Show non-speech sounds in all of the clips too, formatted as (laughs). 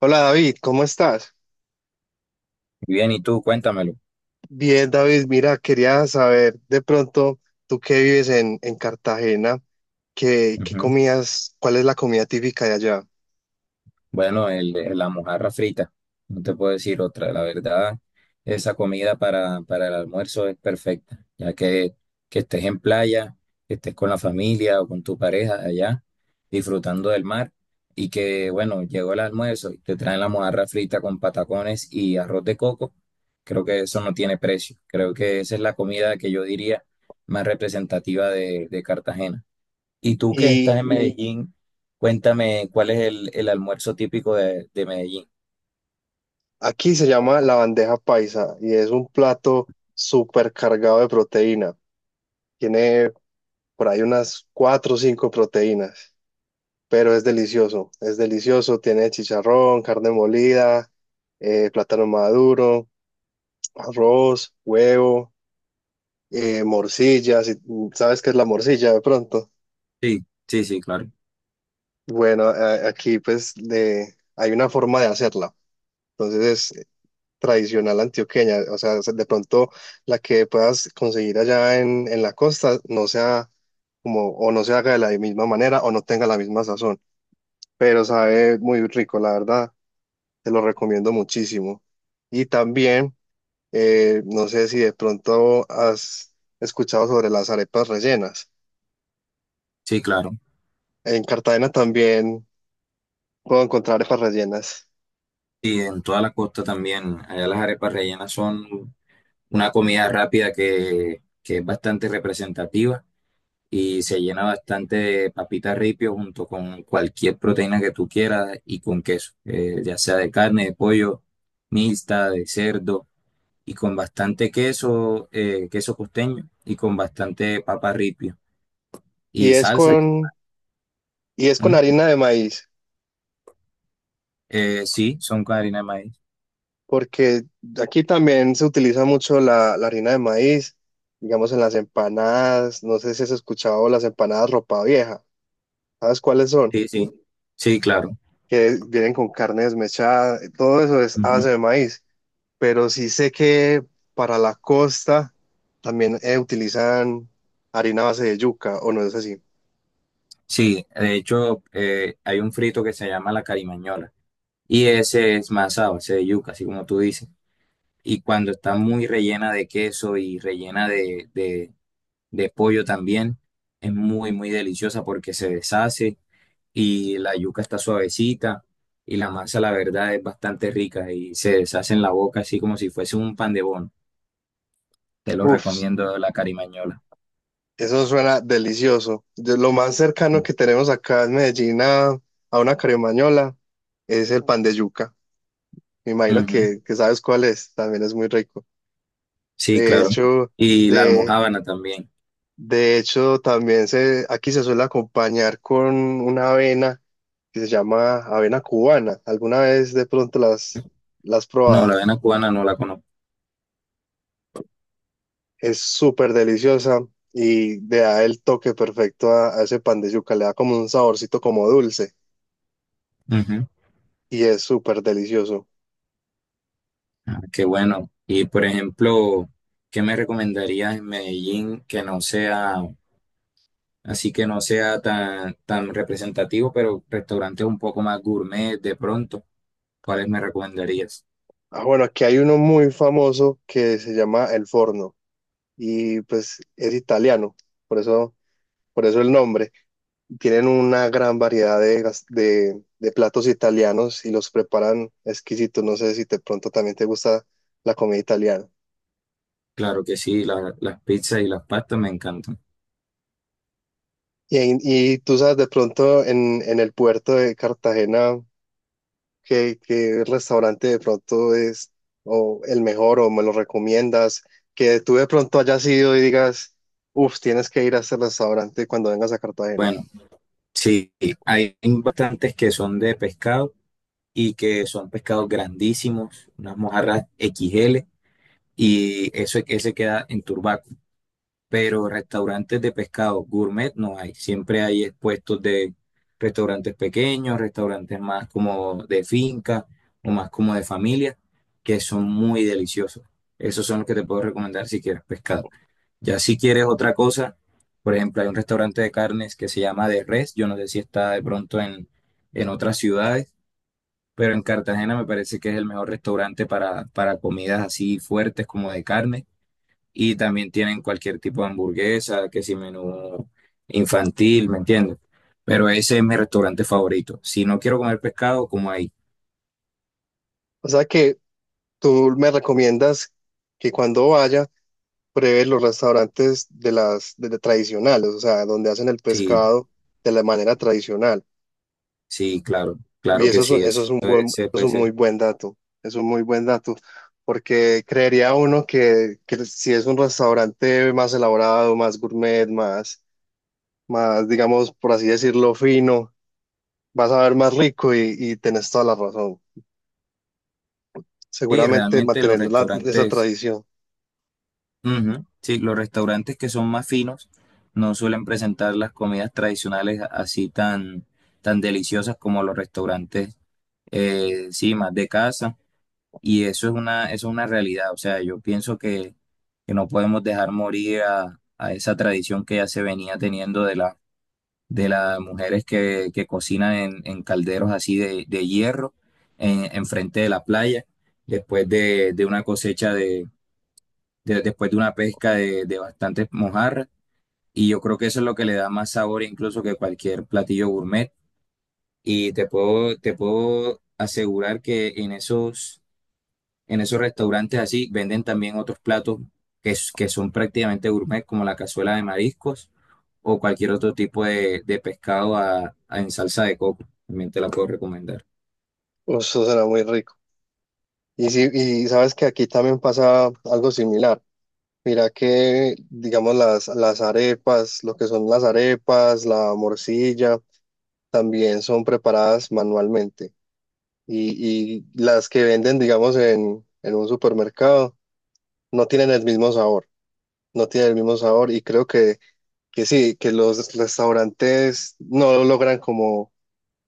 Hola David, ¿cómo estás? Bien, y tú, cuéntamelo. Bien, David, mira, quería saber de pronto, tú que vives en Cartagena, ¿qué Ujú. comías, ¿cuál es la comida típica de allá? Bueno, la mojarra frita, no te puedo decir otra. La verdad, esa comida para el almuerzo es perfecta, ya que estés en playa, que estés con la familia o con tu pareja allá, disfrutando del mar, y que, bueno, llegó el almuerzo y te traen la mojarra frita con patacones y arroz de coco. Creo que eso no tiene precio. Creo que esa es la comida que yo diría más representativa de Cartagena. Y tú que estás en Y Sí. Medellín, cuéntame cuál es el almuerzo típico de Medellín. aquí se llama la bandeja paisa y es un plato súper cargado de proteína. Tiene por ahí unas cuatro o cinco proteínas, pero es delicioso, es delicioso. Tiene chicharrón, carne molida, plátano maduro, arroz, huevo. Morcilla, si sabes qué es la morcilla de pronto. Sí, sí, sí, claro. Bueno, aquí pues hay una forma de hacerla, entonces es tradicional antioqueña, o sea, de pronto la que puedas conseguir allá en la costa no sea como, o no se haga de la misma manera o no tenga la misma sazón, pero sabe muy rico, la verdad, te lo recomiendo muchísimo. Y también, no sé si de pronto has escuchado sobre las arepas rellenas. Sí, claro. En Cartagena también puedo encontrar arepas rellenas. Y en toda la costa también. Allá las arepas rellenas son una comida rápida que es bastante representativa y se llena bastante de papitas ripio junto con cualquier proteína que tú quieras y con queso, ya sea de carne, de pollo, mixta, de cerdo y con bastante queso, queso costeño y con bastante papa ripio. Y Y es salsa. con, y es con ¿Mm? harina de maíz, Sí, son con harina de maíz. porque aquí también se utiliza mucho la harina de maíz, digamos en las empanadas, no sé si has escuchado las empanadas ropa vieja, ¿sabes cuáles son? Sí, sí. Sí, claro. Que vienen con carne desmechada, todo eso es a base Ujú. de maíz, pero sí sé que para la costa también utilizan harina a base de yuca, o no es así. Sí, de hecho, hay un frito que se llama la carimañola. Y ese es masado, ese de yuca, así como tú dices. Y cuando está muy rellena de queso y rellena de pollo también, es muy, muy deliciosa porque se deshace y la yuca está suavecita y la masa, la verdad, es bastante rica y se deshace en la boca, así como si fuese un pan de bono. Te lo Uf, recomiendo la carimañola. eso suena delicioso. Lo más cercano Ujú. que tenemos acá en Medellín a una caremañola es el pan de yuca. Me imagino que sabes cuál es, también es muy rico. Sí, De claro. hecho, Y la de, almojábana también. de hecho también aquí se suele acompañar con una avena que se llama avena cubana. ¿Alguna vez de pronto las has No, la probado? avena cubana no la conozco. Es súper deliciosa y le da el toque perfecto a ese pan de yuca. Le da como un saborcito como dulce Ujú. y es súper delicioso. Ah, qué bueno. Y por ejemplo, ¿qué me recomendarías en Medellín que no sea, así que no sea tan, tan representativo, pero restaurantes un poco más gourmet de pronto? ¿Cuáles me recomendarías? Ah, bueno, aquí hay uno muy famoso que se llama El Forno y pues es italiano, por eso, por eso el nombre. Tienen una gran variedad de platos italianos y los preparan exquisitos. No sé si de pronto también te gusta la comida italiana. Claro que sí, las pizzas y las pastas me encantan. Y tú sabes, de pronto en el puerto de Cartagena, ¿qué restaurante de pronto es o el mejor o me lo recomiendas? Que tú de pronto hayas ido y digas, uff, tienes que ir a ese restaurante cuando vengas a Cartagena. Bueno, sí, hay bastantes que son de pescado y que son pescados grandísimos, unas mojarras XL. Y eso es que se queda en Turbaco. Pero restaurantes de pescado gourmet no hay. Siempre hay puestos de restaurantes pequeños, restaurantes más como de finca o más como de familia, que son muy deliciosos. Esos son los que te puedo recomendar si quieres pescado. Ya si quieres otra cosa, por ejemplo, hay un restaurante de carnes que se llama De Res. Yo no sé si está de pronto en otras ciudades, pero en Cartagena me parece que es el mejor restaurante para comidas así fuertes como de carne y también tienen cualquier tipo de hamburguesa, que si menú infantil, ¿me entiendes? Pero ese es mi restaurante favorito. Si no quiero comer pescado, como ahí. O sea que tú me recomiendas que cuando vaya pruebe los restaurantes de de tradicionales, o sea, donde hacen el Sí, pescado de la manera tradicional. sí, claro, claro que sí, Eso eso es un es- buen, se es puede un ser. muy buen dato, es un muy buen dato, porque creería uno que si es un restaurante más elaborado, más gourmet, digamos, por así decirlo, fino, vas a ver más rico y tenés toda la razón. Y Seguramente realmente los mantener esa restaurantes, tradición, ujú, sí, los restaurantes que son más finos no suelen presentar las comidas tradicionales así tan, tan deliciosas como los restaurantes, sí, más de casa. Y eso es una realidad. O sea, yo pienso que no podemos dejar morir a esa tradición que ya se venía teniendo de la, de las mujeres que cocinan en calderos así de hierro en frente de la playa, después de una cosecha después de una pesca de bastantes mojarras. Y yo creo que eso es lo que le da más sabor incluso que cualquier platillo gourmet. Y te puedo asegurar que en esos En esos restaurantes así venden también otros platos que son prácticamente gourmet, como la cazuela de mariscos o cualquier otro tipo de pescado en salsa de coco. También te la puedo recomendar. eso será muy rico. Y, sí, y sabes que aquí también pasa algo similar. Mira que, digamos, las arepas, lo que son las arepas, la morcilla. También son preparadas manualmente y las que venden, digamos, en un supermercado no tienen el mismo sabor, no tienen el mismo sabor y creo que sí, que los restaurantes no logran como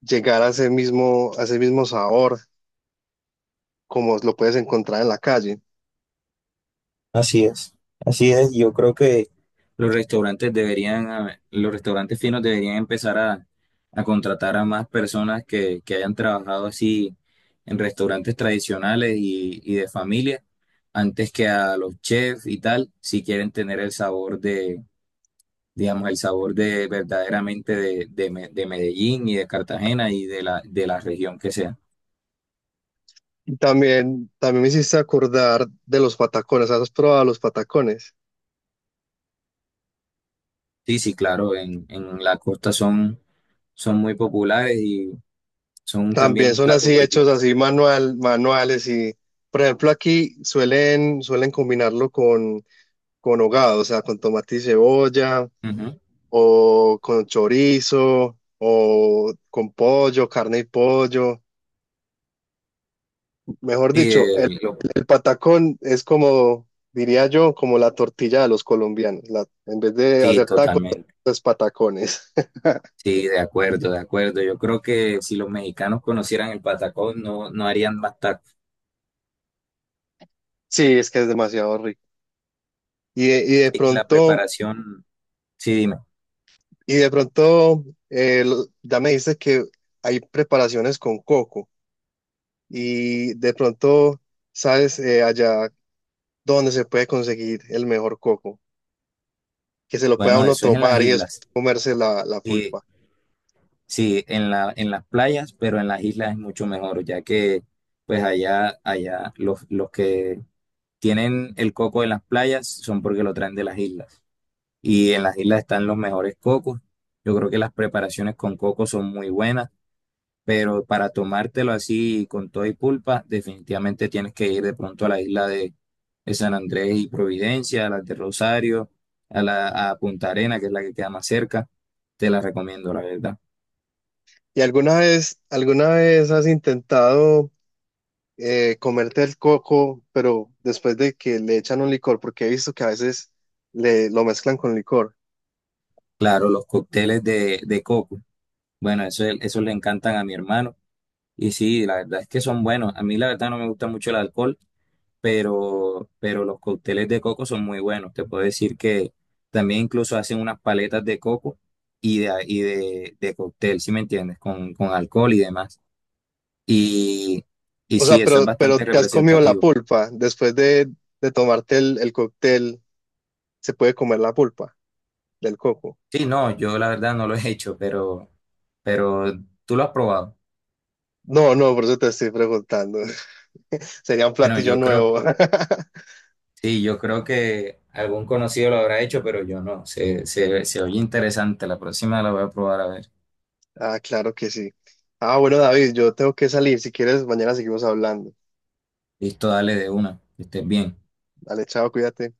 llegar a ese mismo sabor como lo puedes encontrar en la calle. Así es, así es. Yo creo que los restaurantes deberían, los restaurantes finos deberían empezar a contratar a más personas que hayan trabajado así en restaurantes tradicionales y de familia, antes que a los chefs y tal, si quieren tener el sabor, digamos, el sabor de verdaderamente de Medellín y de Cartagena y de la región que sea. Y también, también me hiciste acordar de los patacones, ¿has probado los patacones? Sí, sí, claro, en la costa son, son muy populares y son también También un son plato así hechos típico. así manual, manuales y... Por ejemplo, aquí suelen combinarlo con hogado, o sea, con tomate y cebolla, Ujú. o con chorizo, o con pollo, carne y pollo. Mejor Sí, dicho, lo- el patacón es como, diría yo, como la tortilla de los colombianos. En vez de sí, hacer tacos, totalmente. es patacones. (laughs) Sí, de acuerdo, de acuerdo. Yo creo que si los mexicanos conocieran el patacón, no, no harían más tacos. Sí, es que es demasiado rico. Y, de- y de Sí, y la pronto, preparación, sí, dime. y de pronto, ya me dices que hay preparaciones con coco. Y de pronto, ¿sabes? Allá donde se puede conseguir el mejor coco, que se lo pueda Bueno, uno eso es en las tomar y después islas. comerse la pulpa. Sí, en la, en las playas, pero en las islas es mucho mejor, ya que pues allá, allá los que tienen el coco de las playas son porque lo traen de las islas. Y en las islas están los mejores cocos. Yo creo que las preparaciones con coco son muy buenas, pero para tomártelo así con todo y pulpa, definitivamente tienes que ir de pronto a la isla de San Andrés y Providencia, a la de Rosario, a Punta Arena, que es la que queda más cerca. Te la recomiendo, la verdad. ¿Y alguna vez has intentado comerte el coco, pero después de que le echan un licor? Porque he visto que a veces lo mezclan con licor. Claro, los cócteles de coco. Bueno, eso le encantan a mi hermano. Y sí, la verdad es que son buenos. A mí la verdad no me gusta mucho el alcohol, pero los cócteles de coco son muy buenos. Te puedo decir que también incluso hacen unas paletas de coco de cóctel, ¿si me entiendes? Con alcohol y demás. Y, y O sea, sí, eso es pero bastante te has comido la representativo. pulpa. Después de tomarte el cóctel, se puede comer la pulpa del coco. Sí, no, yo la verdad no lo he hecho, pero tú lo has probado. No, no, por eso te estoy preguntando. (laughs) Sería un Bueno, platillo yo creo, nuevo. (laughs) sí, yo creo que algún conocido lo habrá hecho, pero yo no. Se oye interesante. La próxima la voy a probar a ver. Ah, claro que sí. Ah, bueno, David, yo tengo que salir. Si quieres, mañana seguimos hablando. Listo, dale de una. Que estés bien. Dale, chao, cuídate.